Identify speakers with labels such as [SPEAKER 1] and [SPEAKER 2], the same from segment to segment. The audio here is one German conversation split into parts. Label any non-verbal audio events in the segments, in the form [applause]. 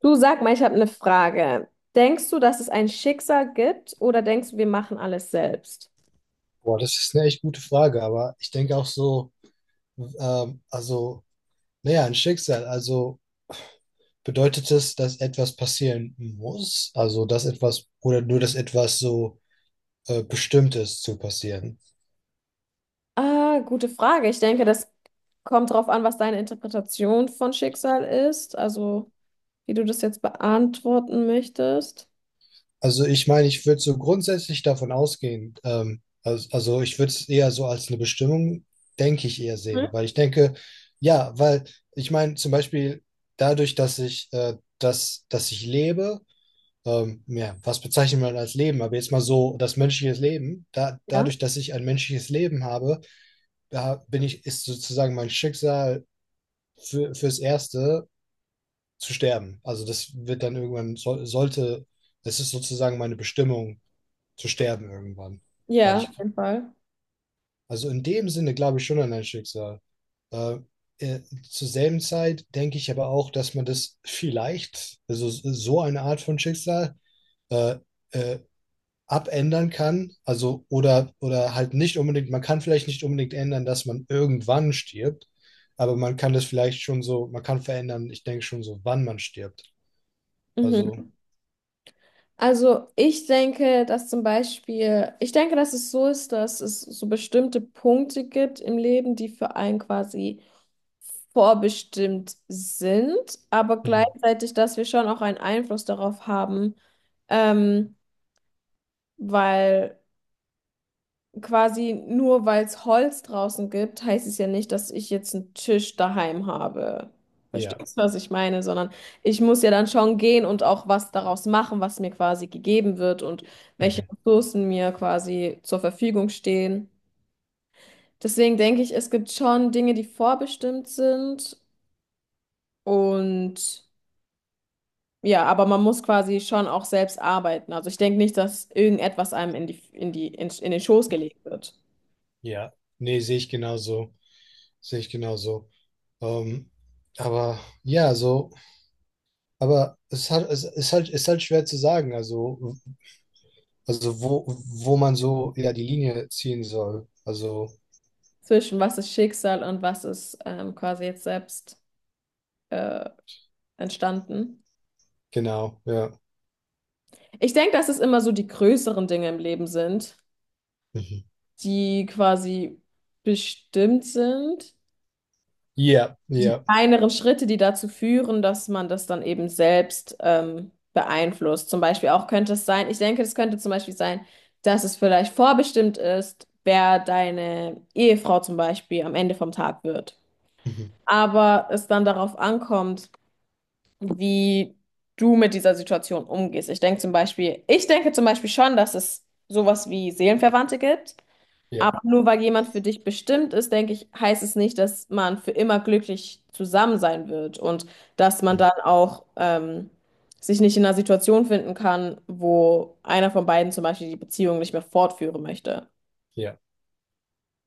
[SPEAKER 1] Du, sag mal, ich habe eine Frage. Denkst du, dass es ein Schicksal gibt oder denkst du, wir machen alles selbst?
[SPEAKER 2] Boah, das ist eine echt gute Frage, aber ich denke auch so, also, naja, ein Schicksal, also bedeutet es, dass etwas passieren muss? Also, dass etwas, oder nur, dass etwas so bestimmt ist zu passieren?
[SPEAKER 1] Ah, gute Frage. Ich denke, das kommt darauf an, was deine Interpretation von Schicksal ist, also wie du das jetzt beantworten möchtest.
[SPEAKER 2] Also, ich meine, ich würde so grundsätzlich davon ausgehen, also, ich würde es eher so als eine Bestimmung, denke ich, eher sehen,
[SPEAKER 1] Hm?
[SPEAKER 2] weil ich denke, ja, weil ich meine, zum Beispiel dadurch, dass ich lebe, ja, was bezeichnet man als Leben? Aber jetzt mal so, das menschliche Leben,
[SPEAKER 1] Ja.
[SPEAKER 2] dadurch, dass ich ein menschliches Leben habe, da bin ich, ist sozusagen mein Schicksal fürs Erste zu sterben. Also das wird dann irgendwann, sollte, das ist sozusagen meine Bestimmung, zu sterben irgendwann. Weil
[SPEAKER 1] Ja, auf
[SPEAKER 2] ich,
[SPEAKER 1] jeden Fall.
[SPEAKER 2] also in dem Sinne glaube ich schon an ein Schicksal. Äh, äh, Zur selben Zeit denke ich aber auch, dass man das vielleicht, also so eine Art von Schicksal, äh, äh, abändern kann, also oder halt nicht unbedingt, man kann vielleicht nicht unbedingt ändern, dass man irgendwann stirbt, aber man kann das vielleicht schon so, man kann verändern, ich denke schon so, wann man stirbt. Also,
[SPEAKER 1] Mhm. Ich denke, dass es so ist, dass es so bestimmte Punkte gibt im Leben, die für einen quasi vorbestimmt sind, aber
[SPEAKER 2] mhm,
[SPEAKER 1] gleichzeitig, dass wir schon auch einen Einfluss darauf haben, ähm, weil quasi, nur weil es Holz draußen gibt, heißt es ja nicht, dass ich jetzt einen Tisch daheim habe.
[SPEAKER 2] ja,
[SPEAKER 1] Verstehst du, was ich meine? Sondern ich muss ja dann schon gehen und auch was daraus machen, was mir quasi gegeben wird und welche
[SPEAKER 2] mhm,
[SPEAKER 1] Ressourcen mir quasi zur Verfügung stehen. Deswegen denke ich, es gibt schon Dinge, die vorbestimmt sind, und ja, aber man muss quasi schon auch selbst arbeiten. Also ich denke nicht, dass irgendetwas einem in den Schoß gelegt wird.
[SPEAKER 2] ja, nee, sehe ich genauso, sehe ich genauso. Ähm, aber ja, so, aber es hat, es ist halt schwer zu sagen, also wo, wo man so, ja, die Linie ziehen soll. Also,
[SPEAKER 1] Zwischen was ist Schicksal und was ist quasi jetzt selbst äh, entstanden.
[SPEAKER 2] genau, ja.
[SPEAKER 1] Ich denke, dass es immer so die größeren Dinge im Leben sind,
[SPEAKER 2] Mhm.
[SPEAKER 1] die quasi bestimmt sind.
[SPEAKER 2] Ja, ja.
[SPEAKER 1] Kleinere Schritte, die dazu führen, dass man das dann eben selbst beeinflusst. Zum Beispiel auch könnte es sein, ich denke, Es könnte zum Beispiel sein, dass es vielleicht vorbestimmt ist, wer deine Ehefrau zum Beispiel am Ende vom Tag wird.
[SPEAKER 2] Mhm.
[SPEAKER 1] Aber es dann darauf ankommt, wie du mit dieser Situation umgehst. Ich denke zum Beispiel schon, dass es sowas wie Seelenverwandte gibt.
[SPEAKER 2] Ja,
[SPEAKER 1] Aber nur weil jemand für dich bestimmt ist, denke ich, heißt es nicht, dass man für immer glücklich zusammen sein wird und dass man
[SPEAKER 2] hm,
[SPEAKER 1] dann auch sich nicht in einer Situation finden kann, wo einer von beiden zum Beispiel die Beziehung nicht mehr fortführen möchte.
[SPEAKER 2] ja.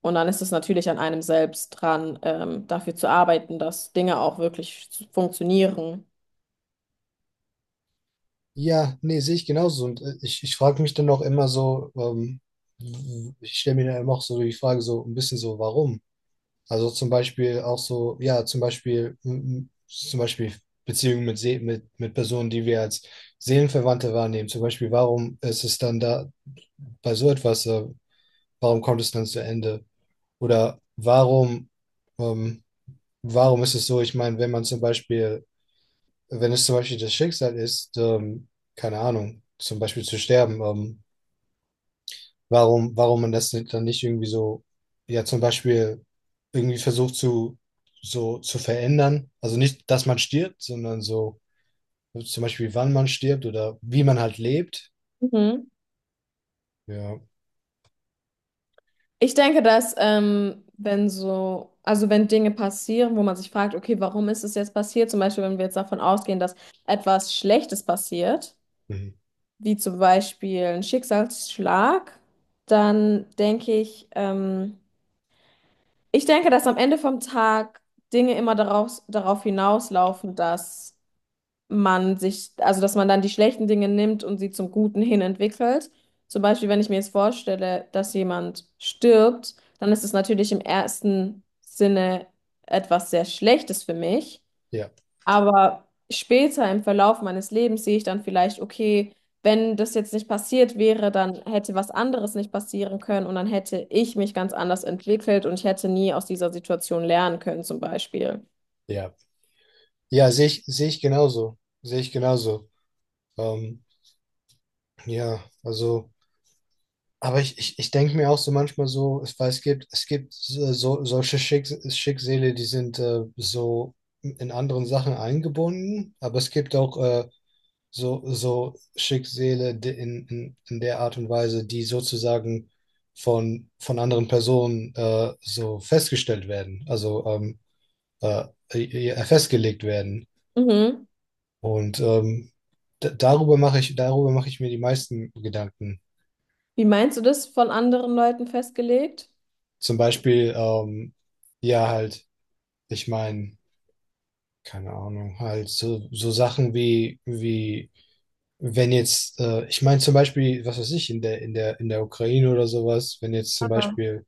[SPEAKER 1] Und dann ist es natürlich an einem selbst dran, dafür zu arbeiten, dass Dinge auch wirklich funktionieren.
[SPEAKER 2] Ja, nee, sehe ich genauso. Und ich frage mich dann auch immer so, ich stelle mir dann immer auch so die Frage, so ein bisschen so, warum? Also zum Beispiel auch so, ja, zum Beispiel, zum Beispiel Beziehungen mit, mit Personen, die wir als Seelenverwandte wahrnehmen. Zum Beispiel, warum ist es dann da bei so etwas, warum kommt es dann zu Ende? Oder warum, ähm, warum ist es so? Ich meine, wenn es zum Beispiel das Schicksal ist, keine Ahnung, zum Beispiel zu sterben, warum man das nicht- dann nicht irgendwie so, ja, zum Beispiel irgendwie versucht zu, so zu verändern. Also nicht, dass man stirbt, sondern so zum Beispiel, wann man stirbt oder wie man halt lebt.
[SPEAKER 1] Mhm.
[SPEAKER 2] Ja,
[SPEAKER 1] Ich denke, dass wenn so, also wenn Dinge passieren, wo man sich fragt, okay, warum ist es jetzt passiert? Zum Beispiel, wenn wir jetzt davon ausgehen, dass etwas Schlechtes passiert,
[SPEAKER 2] mhm.
[SPEAKER 1] wie zum Beispiel ein Schicksalsschlag, dann denke ich, dass am Ende vom Tag Dinge immer darauf hinauslaufen, dass man sich, also dass man dann die schlechten Dinge nimmt und sie zum Guten hin entwickelt. Zum Beispiel, wenn ich mir jetzt vorstelle, dass jemand stirbt, dann ist es natürlich im ersten Sinne etwas sehr Schlechtes für mich.
[SPEAKER 2] Ja,
[SPEAKER 1] Aber später im Verlauf meines Lebens sehe ich dann vielleicht, okay, wenn das jetzt nicht passiert wäre, dann hätte was anderes nicht passieren können und dann hätte ich mich ganz anders entwickelt und ich hätte nie aus dieser Situation lernen können, zum Beispiel.
[SPEAKER 2] ja. Ja, sehe ich genauso. Sehe ich genauso. Ähm, ja, also. Aber ich denke mir auch so manchmal so, es, weil es gibt so, solche Schicksale, die sind so in anderen Sachen eingebunden, aber es gibt auch so, so Schicksale die in der Art und Weise, die sozusagen von anderen Personen so festgestellt werden, also äh, festgelegt werden.
[SPEAKER 1] Mhm.
[SPEAKER 2] Und darüber mache ich mir die meisten Gedanken.
[SPEAKER 1] Wie meinst du das, von anderen Leuten festgelegt?
[SPEAKER 2] Zum Beispiel, ja, halt. Ich meine, keine Ahnung, halt so, wie, wenn jetzt, ich meine zum Beispiel, was weiß ich, in der Ukraine oder sowas, wenn jetzt zum Beispiel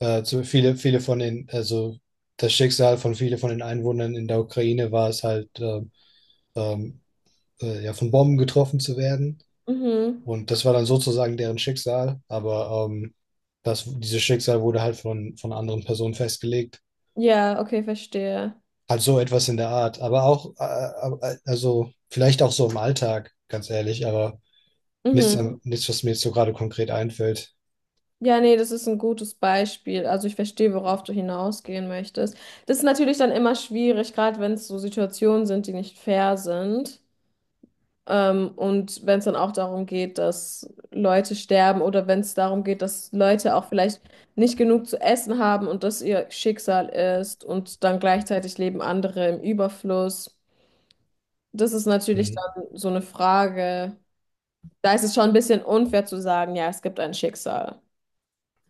[SPEAKER 2] viele von den, also das Schicksal von viele von den Einwohnern in der Ukraine war es halt, ähm, ja, von Bomben getroffen zu werden.
[SPEAKER 1] Mhm.
[SPEAKER 2] Und das war dann sozusagen deren Schicksal, aber das, dieses Schicksal wurde halt von anderen Personen festgelegt.
[SPEAKER 1] Ja, okay, verstehe.
[SPEAKER 2] Halt so etwas in der Art. Aber auch, also vielleicht auch so im Alltag, ganz ehrlich, aber nichts,
[SPEAKER 1] Mhm.
[SPEAKER 2] nichts, was mir jetzt so gerade konkret einfällt.
[SPEAKER 1] Ja, nee, das ist ein gutes Beispiel. Also ich verstehe, worauf du hinausgehen möchtest. Das ist natürlich dann immer schwierig, gerade wenn es so Situationen sind, die nicht fair sind. Und wenn es dann auch darum geht, dass Leute sterben, oder wenn es darum geht, dass Leute auch vielleicht nicht genug zu essen haben und das ihr Schicksal ist und dann gleichzeitig leben andere im Überfluss. Das ist natürlich
[SPEAKER 2] Mhm.
[SPEAKER 1] dann so eine Frage. Da ist es schon ein bisschen unfair zu sagen, ja, es gibt ein Schicksal,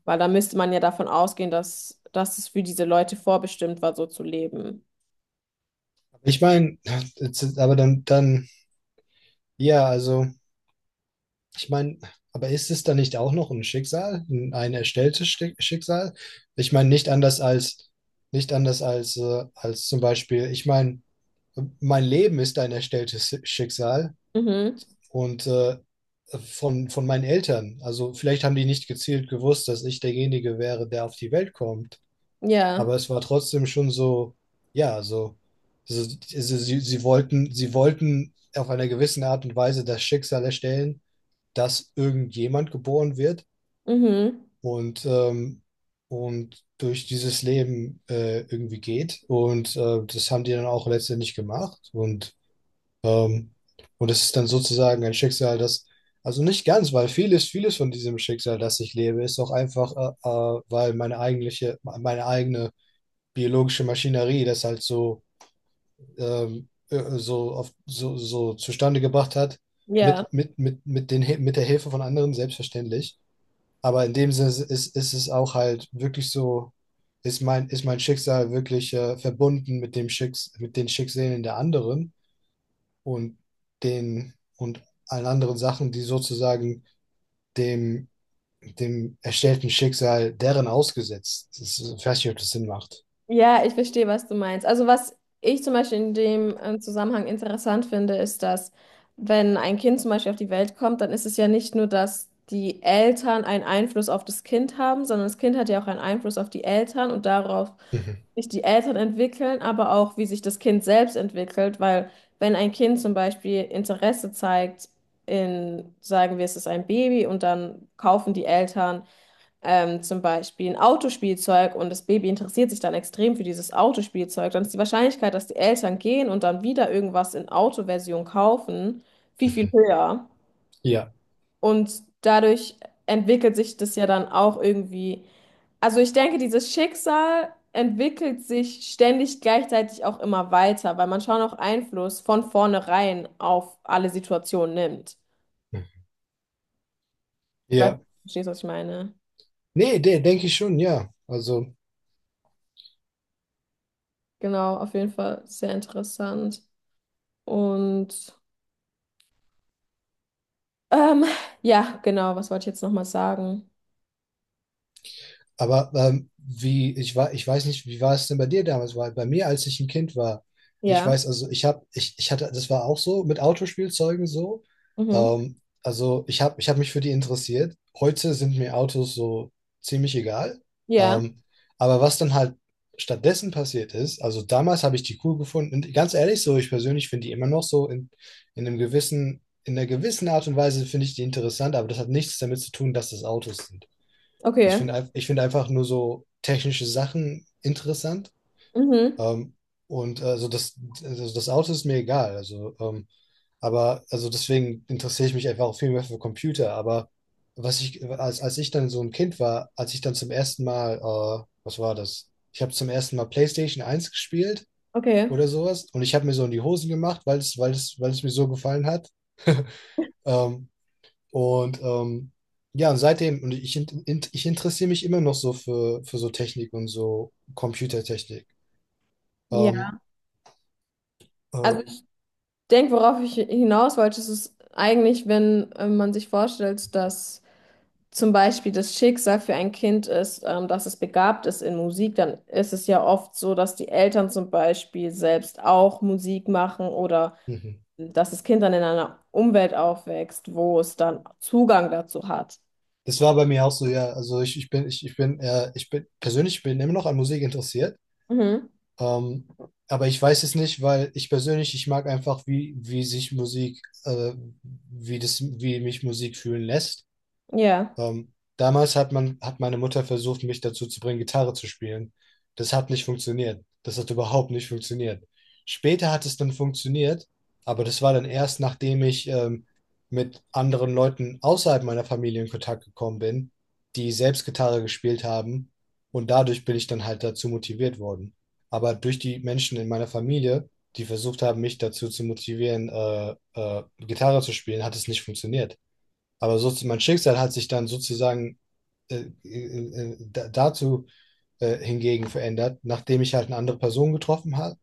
[SPEAKER 1] weil da müsste man ja davon ausgehen, dass es für diese Leute vorbestimmt war, so zu leben.
[SPEAKER 2] Ich meine, aber dann, ja, also, ich meine, aber ist es dann nicht auch noch ein Schicksal, ein erstelltes Schicksal? Ich meine, nicht anders als, als zum Beispiel, ich meine, mein Leben ist ein erstelltes Schicksal
[SPEAKER 1] Mhm.
[SPEAKER 2] und von meinen Eltern. Also vielleicht haben die nicht gezielt gewusst, dass ich derjenige wäre, der auf die Welt kommt.
[SPEAKER 1] Ja.
[SPEAKER 2] Aber es war trotzdem schon so, ja, so, sie wollten auf einer gewissen Art und Weise das Schicksal erstellen, dass irgendjemand geboren wird
[SPEAKER 1] Mhm.
[SPEAKER 2] und, ähm, und durch dieses Leben irgendwie geht. Und das haben die dann auch letztendlich gemacht. Ähm, und das ist dann sozusagen ein Schicksal, das, also nicht ganz, weil vieles von diesem Schicksal, das ich lebe, ist auch einfach, weil meine eigentliche, meine eigene biologische Maschinerie das halt so, so zustande gebracht hat,
[SPEAKER 1] Ja.
[SPEAKER 2] mit der Hilfe von anderen, selbstverständlich. Aber in dem Sinne ist es auch halt wirklich so, ist mein Schicksal wirklich verbunden mit den Schicksalen der anderen und den und allen anderen Sachen, die sozusagen dem, dem erstellten Schicksal deren ausgesetzt. Das ist, ich weiß nicht, ob das Sinn macht.
[SPEAKER 1] Ja, ich verstehe, was du meinst. Also was ich zum Beispiel in dem Zusammenhang interessant finde, ist, dass wenn ein Kind zum Beispiel auf die Welt kommt, dann ist es ja nicht nur, dass die Eltern einen Einfluss auf das Kind haben, sondern das Kind hat ja auch einen Einfluss auf die Eltern und darauf,
[SPEAKER 2] Mhm.
[SPEAKER 1] wie sich die Eltern entwickeln, aber auch, wie sich das Kind selbst entwickelt, weil wenn ein Kind zum Beispiel Interesse zeigt in, sagen wir, es ist ein Baby, und dann kaufen die Eltern zum Beispiel ein Autospielzeug und das Baby interessiert sich dann extrem für dieses Autospielzeug, dann ist die Wahrscheinlichkeit, dass die Eltern gehen und dann wieder irgendwas in Autoversion kaufen, viel höher.
[SPEAKER 2] Ja.
[SPEAKER 1] Und dadurch entwickelt sich das ja dann auch irgendwie. Also ich denke, dieses Schicksal entwickelt sich ständig, gleichzeitig auch immer weiter, weil man schon auch Einfluss von vornherein auf alle Situationen nimmt. Ich weiß, du
[SPEAKER 2] Ja.
[SPEAKER 1] verstehst, was ich meine.
[SPEAKER 2] Nee, der denke ich schon, ja. Also
[SPEAKER 1] Genau, auf jeden Fall sehr interessant. Und Ähm, ja, genau, was wollte ich jetzt nochmal sagen?
[SPEAKER 2] aber wie, ich war, ich weiß nicht, wie war es denn bei dir damals? Weil bei mir, als ich ein Kind war, ich
[SPEAKER 1] Ja,
[SPEAKER 2] weiß, ich hatte, das war auch so mit Autospielzeugen so.
[SPEAKER 1] mhm.
[SPEAKER 2] Ich habe mich für die interessiert. Heute sind mir Autos so ziemlich egal.
[SPEAKER 1] Ja,
[SPEAKER 2] Ähm, aber was dann halt stattdessen passiert ist, also damals habe ich die cool gefunden. Und ganz ehrlich, so ich persönlich finde die immer noch so in einem gewissen, in einer gewissen Art und Weise finde ich die interessant, aber das hat nichts damit zu tun, dass das Autos sind.
[SPEAKER 1] okay.
[SPEAKER 2] Ich finde einfach nur so technische Sachen interessant.
[SPEAKER 1] Mhm.
[SPEAKER 2] Ähm, und also das Auto ist mir egal. Also, aber also deswegen interessiere ich mich einfach auch viel mehr für Computer. Aber was ich, als ich dann so ein Kind war, als ich dann zum ersten Mal, was war das? Ich habe zum ersten Mal PlayStation 1 gespielt
[SPEAKER 1] Okay.
[SPEAKER 2] oder sowas. Und ich habe mir so in die Hosen gemacht, weil es mir so gefallen hat. [laughs] Ähm, und ähm, ja, seitdem, und ich, ich interessiere mich immer noch so für so Technik und so Computertechnik.
[SPEAKER 1] Ja.
[SPEAKER 2] Ähm, äh,
[SPEAKER 1] Also ich denke, worauf ich hinaus wollte, ist es eigentlich, wenn man sich vorstellt, dass zum Beispiel das Schicksal für ein Kind ist, dass es begabt ist in Musik, dann ist es ja oft so, dass die Eltern zum Beispiel selbst auch Musik machen oder
[SPEAKER 2] mhm.
[SPEAKER 1] dass das Kind dann in einer Umwelt aufwächst, wo es dann Zugang dazu hat.
[SPEAKER 2] Das war bei mir auch so, ja, ich bin persönlich bin immer noch an Musik interessiert.
[SPEAKER 1] Mhm.
[SPEAKER 2] Ähm, aber ich weiß es nicht, weil ich persönlich, ich mag einfach, wie sich Musik, äh, wie mich Musik fühlen lässt.
[SPEAKER 1] Ja.
[SPEAKER 2] Damals hat man, hat meine Mutter versucht, mich dazu zu bringen, Gitarre zu spielen. Das hat nicht funktioniert. Das hat überhaupt nicht funktioniert. Später hat es dann funktioniert, aber das war dann erst, nachdem ich mit anderen Leuten außerhalb meiner Familie in Kontakt gekommen bin, die selbst Gitarre gespielt haben. Und dadurch bin ich dann halt dazu motiviert worden. Aber durch die Menschen in meiner Familie, die versucht haben, mich dazu zu motivieren, Gitarre zu spielen, hat es nicht funktioniert. Aber so mein Schicksal hat sich dann sozusagen dazu hingegen verändert, nachdem ich halt eine andere Person getroffen habe,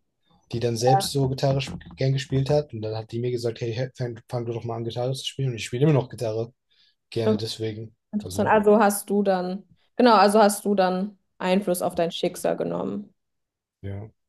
[SPEAKER 2] die dann selbst so gern gespielt hat. Und dann hat die mir gesagt, hey, fang du doch mal an, Gitarre zu spielen. Und ich spiele immer noch Gitarre gerne deswegen.
[SPEAKER 1] Interessant.
[SPEAKER 2] Also,
[SPEAKER 1] Genau, also hast du dann Einfluss auf dein Schicksal genommen.
[SPEAKER 2] ja.